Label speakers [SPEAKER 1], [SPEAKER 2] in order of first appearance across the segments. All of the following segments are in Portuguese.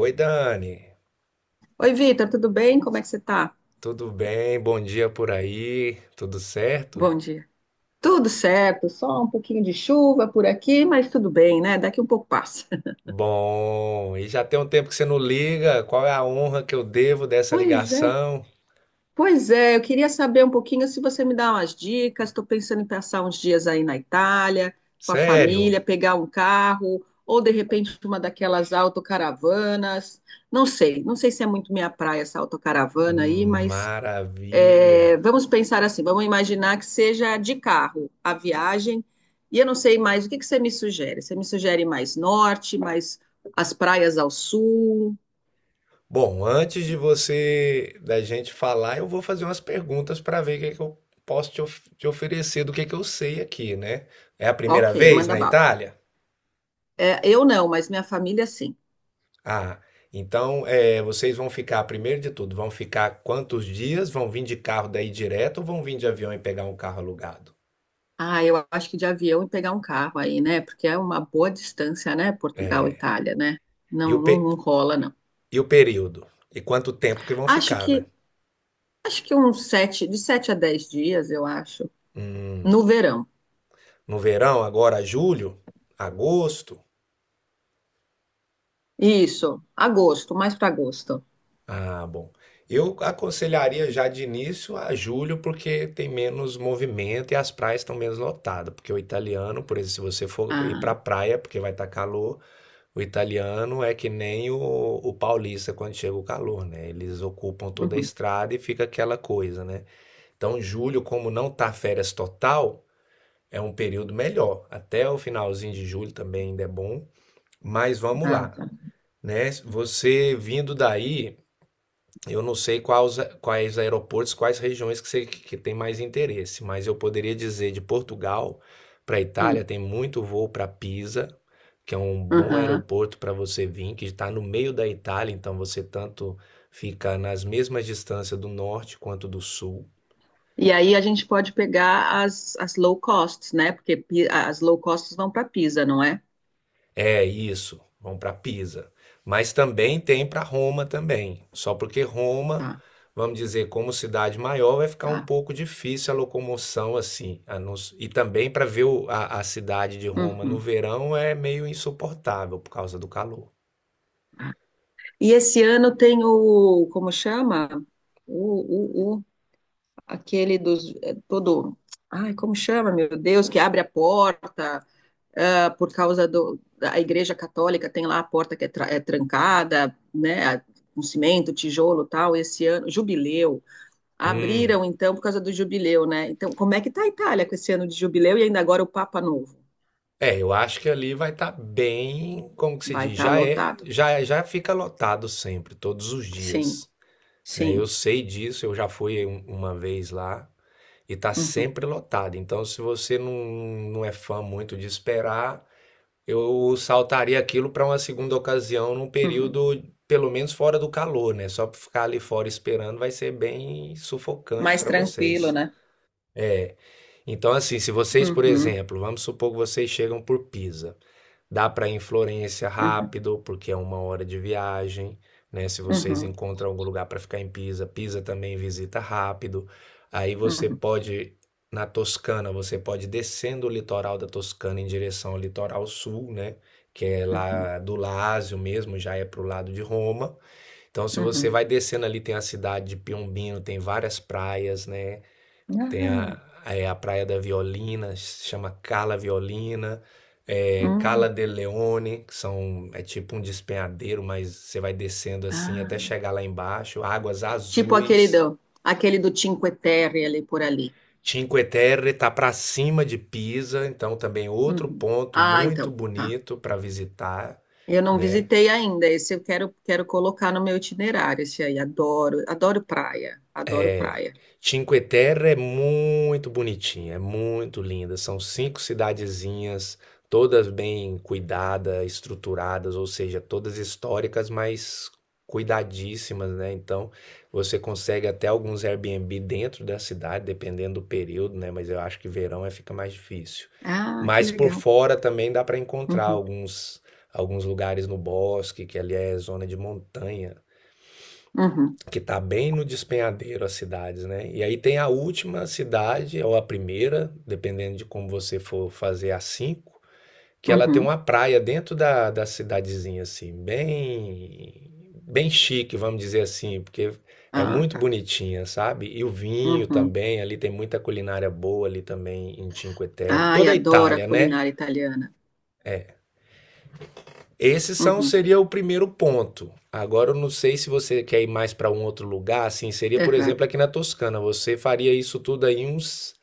[SPEAKER 1] Oi, Dani.
[SPEAKER 2] Oi, Vitor, tudo bem? Como é que você tá?
[SPEAKER 1] Tudo bem? Bom dia por aí. Tudo certo?
[SPEAKER 2] Bom dia. Tudo certo, só um pouquinho de chuva por aqui, mas tudo bem, né? Daqui um pouco passa.
[SPEAKER 1] Bom, e já tem um tempo que você não liga. Qual é a honra que eu devo dessa
[SPEAKER 2] Pois é,
[SPEAKER 1] ligação?
[SPEAKER 2] pois é. Eu queria saber um pouquinho se você me dá umas dicas. Estou pensando em passar uns dias aí na Itália, com a
[SPEAKER 1] Sério?
[SPEAKER 2] família, pegar um carro, ou de repente uma daquelas autocaravanas. Não sei, não sei se é muito minha praia essa autocaravana aí, mas
[SPEAKER 1] Maravilha.
[SPEAKER 2] é, vamos pensar assim, vamos imaginar que seja de carro a viagem, e eu não sei mais, o que que você me sugere? Você me sugere mais norte, mais as praias ao sul?
[SPEAKER 1] Bom, antes de da gente falar, eu vou fazer umas perguntas para ver o que que eu posso te oferecer, do que eu sei aqui, né? É a
[SPEAKER 2] Ok,
[SPEAKER 1] primeira vez
[SPEAKER 2] manda
[SPEAKER 1] na
[SPEAKER 2] bala.
[SPEAKER 1] Itália?
[SPEAKER 2] É, eu não, mas minha família sim.
[SPEAKER 1] Ah, então é, vocês vão ficar, primeiro de tudo, vão ficar quantos dias? Vão vir de carro daí direto ou vão vir de avião e pegar um carro alugado?
[SPEAKER 2] Ah, eu acho que de avião e pegar um carro aí, né? Porque é uma boa distância, né? Portugal, Itália, né?
[SPEAKER 1] E
[SPEAKER 2] Não, não, não rola, não.
[SPEAKER 1] e o período? E quanto tempo que vão
[SPEAKER 2] Acho
[SPEAKER 1] ficar, né?
[SPEAKER 2] que acho que uns sete, de sete a dez dias, eu acho, no
[SPEAKER 1] Hum,
[SPEAKER 2] verão.
[SPEAKER 1] no verão, agora julho, agosto?
[SPEAKER 2] Isso, agosto, mais para agosto.
[SPEAKER 1] Ah, bom. Eu aconselharia já de início a julho, porque tem menos movimento e as praias estão menos lotadas. Porque o italiano, por exemplo, se você for ir
[SPEAKER 2] Ah,
[SPEAKER 1] para praia, porque vai estar calor. O italiano é que nem o paulista quando chega o calor, né? Eles ocupam toda a
[SPEAKER 2] uhum.
[SPEAKER 1] estrada e fica aquela coisa, né? Então, julho, como não tá férias total, é um período melhor. Até o finalzinho de julho também ainda é bom. Mas vamos
[SPEAKER 2] Ah,
[SPEAKER 1] lá,
[SPEAKER 2] tá.
[SPEAKER 1] né? Você vindo daí, eu não sei quais aeroportos, quais regiões que você que tem mais interesse, mas eu poderia dizer de Portugal para a Itália
[SPEAKER 2] Hum,
[SPEAKER 1] tem muito voo para Pisa, que é um bom
[SPEAKER 2] aham.
[SPEAKER 1] aeroporto para você vir, que está no meio da Itália, então você tanto fica nas mesmas distâncias do norte quanto do sul.
[SPEAKER 2] E aí a gente pode pegar as, as low costs, né? Porque Pi- as low costs vão para Pisa, não é?
[SPEAKER 1] É isso, vão para Pisa. Mas também tem para Roma também. Só porque Roma,
[SPEAKER 2] Tá,
[SPEAKER 1] vamos dizer, como cidade maior, vai ficar um
[SPEAKER 2] tá.
[SPEAKER 1] pouco difícil a locomoção assim. E também para ver a cidade de Roma no
[SPEAKER 2] Uhum.
[SPEAKER 1] verão é meio insuportável por causa do calor.
[SPEAKER 2] E esse ano tem o, como chama? O aquele dos, é, todo, ai, como chama, meu Deus, que abre a porta, ah, por causa do, da Igreja Católica tem lá a porta que é, tra- é trancada, né? Com cimento, tijolo, tal, esse ano, jubileu,
[SPEAKER 1] Hum.
[SPEAKER 2] abriram então por causa do jubileu, né? Então, como é que está a Itália com esse ano de jubileu e ainda agora o Papa Novo?
[SPEAKER 1] É, eu acho que ali vai estar bem, como que se
[SPEAKER 2] Vai
[SPEAKER 1] diz,
[SPEAKER 2] estar lotado.
[SPEAKER 1] já fica lotado sempre, todos os
[SPEAKER 2] Sim,
[SPEAKER 1] dias, né? Eu
[SPEAKER 2] sim.
[SPEAKER 1] sei disso, eu já fui uma vez lá. E tá
[SPEAKER 2] Uhum,
[SPEAKER 1] sempre lotado. Então, se você não é fã muito de esperar, eu saltaria aquilo para uma segunda ocasião num
[SPEAKER 2] uhum.
[SPEAKER 1] período, pelo menos fora do calor, né? Só para ficar ali fora esperando vai ser bem sufocante
[SPEAKER 2] Mais
[SPEAKER 1] para
[SPEAKER 2] tranquilo,
[SPEAKER 1] vocês.
[SPEAKER 2] né?
[SPEAKER 1] É. Então, assim, se vocês, por
[SPEAKER 2] Uhum,
[SPEAKER 1] exemplo, vamos supor que vocês chegam por Pisa. Dá para ir em Florença
[SPEAKER 2] uhum,
[SPEAKER 1] rápido, porque é uma hora de viagem, né? Se vocês
[SPEAKER 2] uhum,
[SPEAKER 1] encontram algum lugar para ficar em Pisa, Pisa também visita rápido. Aí você
[SPEAKER 2] uhum,
[SPEAKER 1] pode na Toscana, você pode ir descendo o litoral da Toscana em direção ao litoral sul, né? Que é
[SPEAKER 2] uhum,
[SPEAKER 1] lá do Lácio mesmo, já é pro lado de Roma. Então, se você
[SPEAKER 2] uhum.
[SPEAKER 1] vai descendo ali, tem a cidade de Piombino, tem várias praias, né? Tem a,
[SPEAKER 2] Ah,
[SPEAKER 1] é a Praia da Violina, se chama Cala Violina, é, Cala
[SPEAKER 2] hum,
[SPEAKER 1] de Leone, que são, é tipo um despenhadeiro, mas você vai descendo assim até
[SPEAKER 2] ah.
[SPEAKER 1] chegar lá embaixo. Águas
[SPEAKER 2] Tipo
[SPEAKER 1] azuis.
[SPEAKER 2] aquele do Cinque Terre ali por ali.
[SPEAKER 1] Cinque Terre está para cima de Pisa, então também outro
[SPEAKER 2] Uhum.
[SPEAKER 1] ponto
[SPEAKER 2] Ah,
[SPEAKER 1] muito
[SPEAKER 2] então, tá.
[SPEAKER 1] bonito para visitar,
[SPEAKER 2] Eu não
[SPEAKER 1] né?
[SPEAKER 2] visitei ainda. Esse eu quero, quero colocar no meu itinerário, esse aí. Adoro, adoro praia, adoro praia.
[SPEAKER 1] Cinque Terre é muito bonitinha, é muito linda. São cinco cidadezinhas, todas bem cuidadas, estruturadas, ou seja, todas históricas, mas cuidadíssimas, né? Então, você consegue até alguns Airbnb dentro da cidade, dependendo do período, né? Mas eu acho que verão é fica mais difícil.
[SPEAKER 2] Ah, que
[SPEAKER 1] Mas por
[SPEAKER 2] legal.
[SPEAKER 1] fora também dá para encontrar
[SPEAKER 2] Uhum,
[SPEAKER 1] alguns lugares no bosque, que ali é zona de montanha
[SPEAKER 2] uhum,
[SPEAKER 1] que está bem no despenhadeiro as cidades, né? E aí tem a última cidade, ou a primeira, dependendo de como você for fazer a cinco, que ela tem
[SPEAKER 2] uhum.
[SPEAKER 1] uma praia dentro da cidadezinha, assim, bem, bem chique, vamos dizer assim, porque é
[SPEAKER 2] Ah,
[SPEAKER 1] muito
[SPEAKER 2] tá.
[SPEAKER 1] bonitinha, sabe? E o vinho
[SPEAKER 2] Uhum.
[SPEAKER 1] também, ali tem muita culinária boa ali também em Cinque Terre.
[SPEAKER 2] Ai,
[SPEAKER 1] Toda a
[SPEAKER 2] adoro a
[SPEAKER 1] Itália, né?
[SPEAKER 2] culinária italiana.
[SPEAKER 1] Esse são,
[SPEAKER 2] Uhum,
[SPEAKER 1] seria o primeiro ponto. Agora eu não sei se você quer ir mais para um outro lugar, assim, seria, por
[SPEAKER 2] aham,
[SPEAKER 1] exemplo, aqui na Toscana. Você faria isso tudo aí uns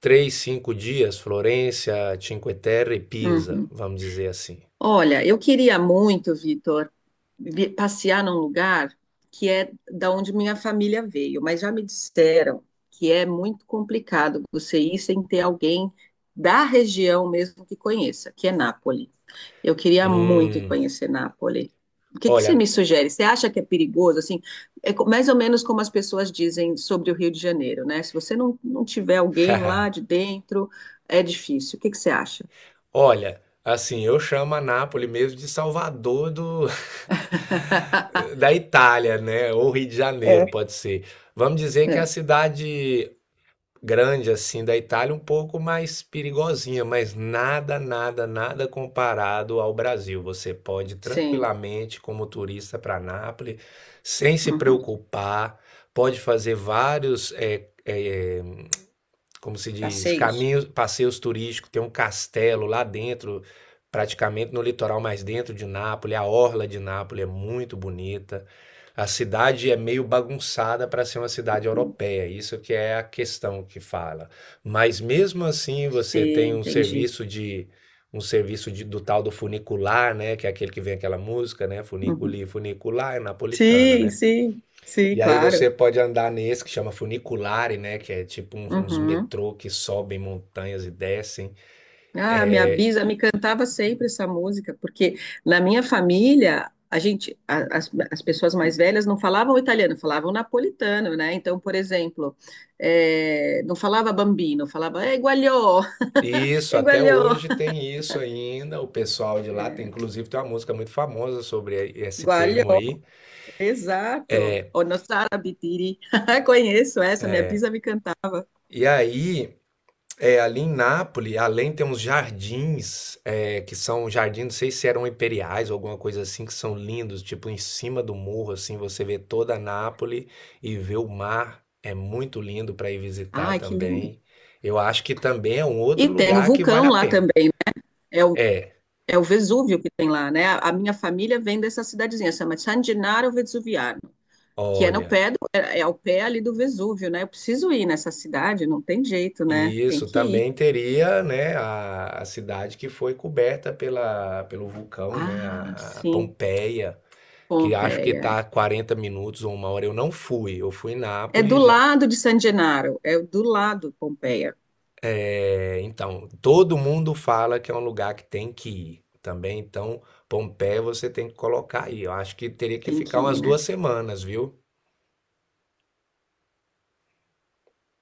[SPEAKER 1] três, cinco dias, Florença, Cinque Terre e Pisa,
[SPEAKER 2] uhum.
[SPEAKER 1] vamos dizer assim.
[SPEAKER 2] Olha, eu queria muito, Vitor, vi- passear num lugar que é da onde minha família veio, mas já me disseram que é muito complicado você ir sem ter alguém da região mesmo que conheça, que é Nápoles. Eu queria muito ir
[SPEAKER 1] Hum,
[SPEAKER 2] conhecer Nápoles. O que que você
[SPEAKER 1] olha,
[SPEAKER 2] me sugere? Você acha que é perigoso? Assim, é co- mais ou menos como as pessoas dizem sobre o Rio de Janeiro, né? Se você não, não tiver alguém lá de dentro, é difícil. O que que você acha?
[SPEAKER 1] olha, assim, eu chamo a Nápoles mesmo de Salvador do da Itália, né? Ou Rio de Janeiro,
[SPEAKER 2] É.
[SPEAKER 1] pode ser. Vamos dizer que é a
[SPEAKER 2] É,
[SPEAKER 1] cidade grande assim da Itália, um pouco mais perigosinha, mas nada, nada, nada comparado ao Brasil. Você pode
[SPEAKER 2] sim.
[SPEAKER 1] tranquilamente, como turista, para Nápoles, sem se
[SPEAKER 2] Uhum.
[SPEAKER 1] preocupar, pode fazer vários como se diz,
[SPEAKER 2] Passeios?
[SPEAKER 1] caminhos, passeios turísticos, tem um castelo lá dentro, praticamente no litoral mais dentro de Nápoles, a orla de Nápoles é muito bonita. A cidade é meio bagunçada para ser uma cidade
[SPEAKER 2] Uhum.
[SPEAKER 1] europeia, isso que é a questão que fala. Mas mesmo assim, você tem
[SPEAKER 2] Sim, entendi.
[SPEAKER 1] um serviço do tal do funicular, né, que é aquele que vem aquela música, né,
[SPEAKER 2] Uhum.
[SPEAKER 1] funiculi, funicular, é napolitana,
[SPEAKER 2] Sim,
[SPEAKER 1] né?
[SPEAKER 2] sim, sim,
[SPEAKER 1] E aí
[SPEAKER 2] claro.
[SPEAKER 1] você pode andar nesse que chama funiculare, né? Que é tipo uns
[SPEAKER 2] Uhum.
[SPEAKER 1] metrô que sobem montanhas e descem.
[SPEAKER 2] Ah, minha bisa me cantava sempre essa música, porque na minha família, a gente, a- as pessoas mais velhas não falavam italiano, falavam napolitano, né? Então, por exemplo, não falava bambino, falava guagliò,
[SPEAKER 1] E isso, até
[SPEAKER 2] guagliò,
[SPEAKER 1] hoje tem isso ainda. O pessoal de lá tem,
[SPEAKER 2] é,
[SPEAKER 1] inclusive, tem uma música muito famosa sobre esse
[SPEAKER 2] guagliò,
[SPEAKER 1] termo aí.
[SPEAKER 2] exato. O nosso arabitiri. Conheço essa, minha bisa me cantava.
[SPEAKER 1] E aí é, ali em Nápoles, além tem uns jardins, é, que são jardins, não sei se eram imperiais ou alguma coisa assim, que são lindos, tipo em cima do morro, assim, você vê toda Nápoles e vê o mar, é muito lindo para ir visitar
[SPEAKER 2] Ai, que lindo.
[SPEAKER 1] também. Eu acho que também é um
[SPEAKER 2] E
[SPEAKER 1] outro
[SPEAKER 2] tem o
[SPEAKER 1] lugar que vale
[SPEAKER 2] vulcão
[SPEAKER 1] a
[SPEAKER 2] lá
[SPEAKER 1] pena.
[SPEAKER 2] também, é o
[SPEAKER 1] É,
[SPEAKER 2] é o Vesúvio que tem lá, né? A minha família vem dessa cidadezinha, chama San Gennaro Vesuviano. Que é no
[SPEAKER 1] olha,
[SPEAKER 2] pé do, é ao pé ali do Vesúvio, né? Eu preciso ir nessa cidade, não tem jeito, né?
[SPEAKER 1] e
[SPEAKER 2] Tem
[SPEAKER 1] isso
[SPEAKER 2] que ir.
[SPEAKER 1] também teria, né, a cidade que foi coberta pela, pelo vulcão, né,
[SPEAKER 2] Ah,
[SPEAKER 1] a
[SPEAKER 2] sim,
[SPEAKER 1] Pompeia. Que acho que
[SPEAKER 2] Pompeia.
[SPEAKER 1] tá 40 minutos ou uma hora. Eu não fui, eu fui em
[SPEAKER 2] É do
[SPEAKER 1] Nápoles.
[SPEAKER 2] lado de San Gennaro, é do lado Pompeia.
[SPEAKER 1] É, então, todo mundo fala que é um lugar que tem que ir também. Então, Pompeia você tem que colocar aí. Eu acho que teria que
[SPEAKER 2] Tem que
[SPEAKER 1] ficar
[SPEAKER 2] ir,
[SPEAKER 1] umas duas
[SPEAKER 2] né?
[SPEAKER 1] semanas, viu?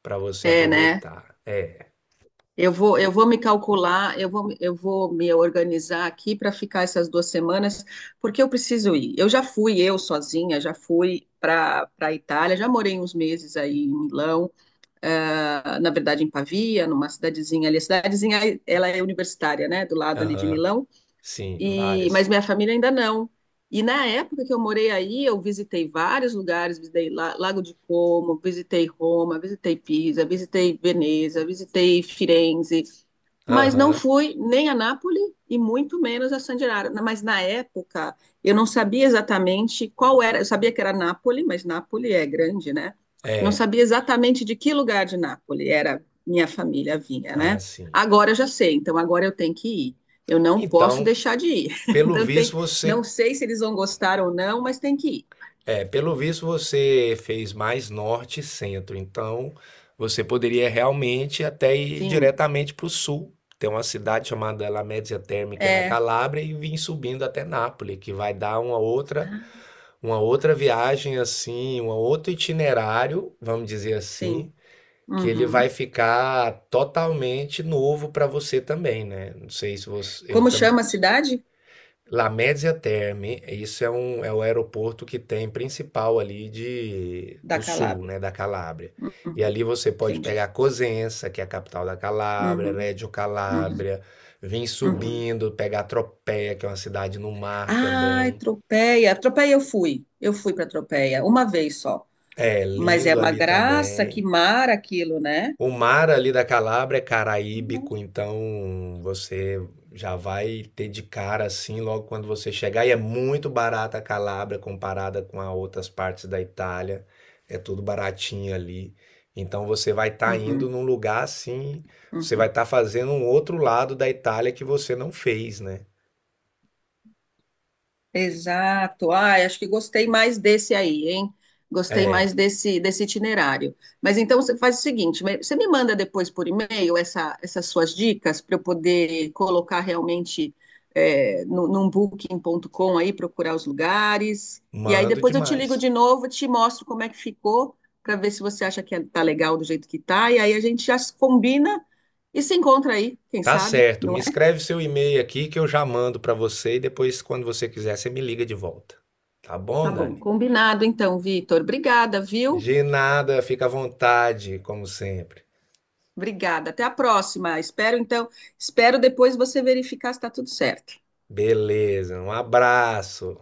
[SPEAKER 1] Pra você
[SPEAKER 2] É, né?
[SPEAKER 1] aproveitar. É,
[SPEAKER 2] Eu vou me calcular, eu vou me organizar aqui para ficar essas duas semanas, porque eu preciso ir. Eu já fui, eu sozinha, já fui para Itália, já morei uns meses aí em Milão. Na verdade em Pavia, numa cidadezinha ali. A cidadezinha, ela é universitária, né, do lado ali de
[SPEAKER 1] aham,
[SPEAKER 2] Milão,
[SPEAKER 1] sim,
[SPEAKER 2] e, mas
[SPEAKER 1] várias.
[SPEAKER 2] minha família ainda não. E na época que eu morei aí, eu visitei vários lugares, visitei La- Lago de Como, visitei Roma, visitei Pisa, visitei Veneza, visitei Firenze, mas não
[SPEAKER 1] Aham,
[SPEAKER 2] fui nem a Nápoles e muito menos a San Gennaro. Mas na época eu não sabia exatamente qual era, eu sabia que era Nápoles, mas Nápoles é grande, né? Não sabia exatamente de que lugar de Nápoles era minha família vinha,
[SPEAKER 1] ah,
[SPEAKER 2] né?
[SPEAKER 1] sim.
[SPEAKER 2] Agora eu já sei, então agora eu tenho que ir. Eu não posso
[SPEAKER 1] Então,
[SPEAKER 2] deixar de ir.
[SPEAKER 1] pelo
[SPEAKER 2] Então tem
[SPEAKER 1] visto,
[SPEAKER 2] que, não
[SPEAKER 1] você
[SPEAKER 2] sei se eles vão gostar ou não, mas tem que ir.
[SPEAKER 1] é, pelo visto você fez mais norte e centro, então você poderia realmente até ir
[SPEAKER 2] Sim,
[SPEAKER 1] diretamente para o sul. Tem uma cidade chamada La Mezzia Terme, que é na
[SPEAKER 2] é,
[SPEAKER 1] Calábria, e vir subindo até Nápoles, que vai dar uma outra viagem assim, um outro itinerário, vamos dizer
[SPEAKER 2] sim.
[SPEAKER 1] assim, que ele vai
[SPEAKER 2] Uhum.
[SPEAKER 1] ficar totalmente novo para você também, né? Não sei se você,
[SPEAKER 2] Como chama a cidade?
[SPEAKER 1] La Média Terme, isso é é o aeroporto que tem principal ali de
[SPEAKER 2] Da
[SPEAKER 1] do sul,
[SPEAKER 2] Calábria.
[SPEAKER 1] né, da Calábria.
[SPEAKER 2] Uhum,
[SPEAKER 1] E ali você pode
[SPEAKER 2] entendi.
[SPEAKER 1] pegar Cosenza, que é a capital da Calábria,
[SPEAKER 2] Uhum,
[SPEAKER 1] Reggio
[SPEAKER 2] uhum.
[SPEAKER 1] Calabria, vir
[SPEAKER 2] Uhum.
[SPEAKER 1] subindo, pegar Tropea, que é uma cidade no mar
[SPEAKER 2] Ai,
[SPEAKER 1] também.
[SPEAKER 2] Tropeia. Tropeia eu fui. Eu fui para Tropeia uma vez só.
[SPEAKER 1] É
[SPEAKER 2] Mas é
[SPEAKER 1] lindo
[SPEAKER 2] uma
[SPEAKER 1] ali
[SPEAKER 2] graça, que
[SPEAKER 1] também.
[SPEAKER 2] mar aquilo, né?
[SPEAKER 1] O mar ali da Calábria é caraíbico, então você já vai ter de cara assim logo quando você chegar. E é muito barata a Calábria comparada com as outras partes da Itália. É tudo baratinho ali. Então você vai estar indo
[SPEAKER 2] Uhum,
[SPEAKER 1] num lugar assim, você vai
[SPEAKER 2] uhum.
[SPEAKER 1] estar fazendo um outro lado da Itália que você não fez, né?
[SPEAKER 2] Exato. Ah, acho que gostei mais desse aí, hein? Gostei
[SPEAKER 1] É,
[SPEAKER 2] mais desse, desse itinerário. Mas então você faz o seguinte, me- você me manda depois por e-mail essa, essas suas dicas para eu poder colocar realmente é, no, num booking.com aí, procurar os lugares. E aí
[SPEAKER 1] mando
[SPEAKER 2] depois eu te ligo
[SPEAKER 1] demais.
[SPEAKER 2] de novo, te mostro como é que ficou, para ver se você acha que é- tá legal do jeito que tá. E aí a gente já se combina e se encontra aí, quem
[SPEAKER 1] Tá
[SPEAKER 2] sabe,
[SPEAKER 1] certo,
[SPEAKER 2] não
[SPEAKER 1] me
[SPEAKER 2] é?
[SPEAKER 1] escreve seu e-mail aqui que eu já mando para você e depois quando você quiser você me liga de volta. Tá bom,
[SPEAKER 2] Tá bom,
[SPEAKER 1] Dani?
[SPEAKER 2] combinado então, Vitor. Obrigada, viu?
[SPEAKER 1] De nada, fica à vontade, como sempre.
[SPEAKER 2] Obrigada. Até a próxima. Espero, então, espero depois você verificar se está tudo certo.
[SPEAKER 1] Beleza, um abraço.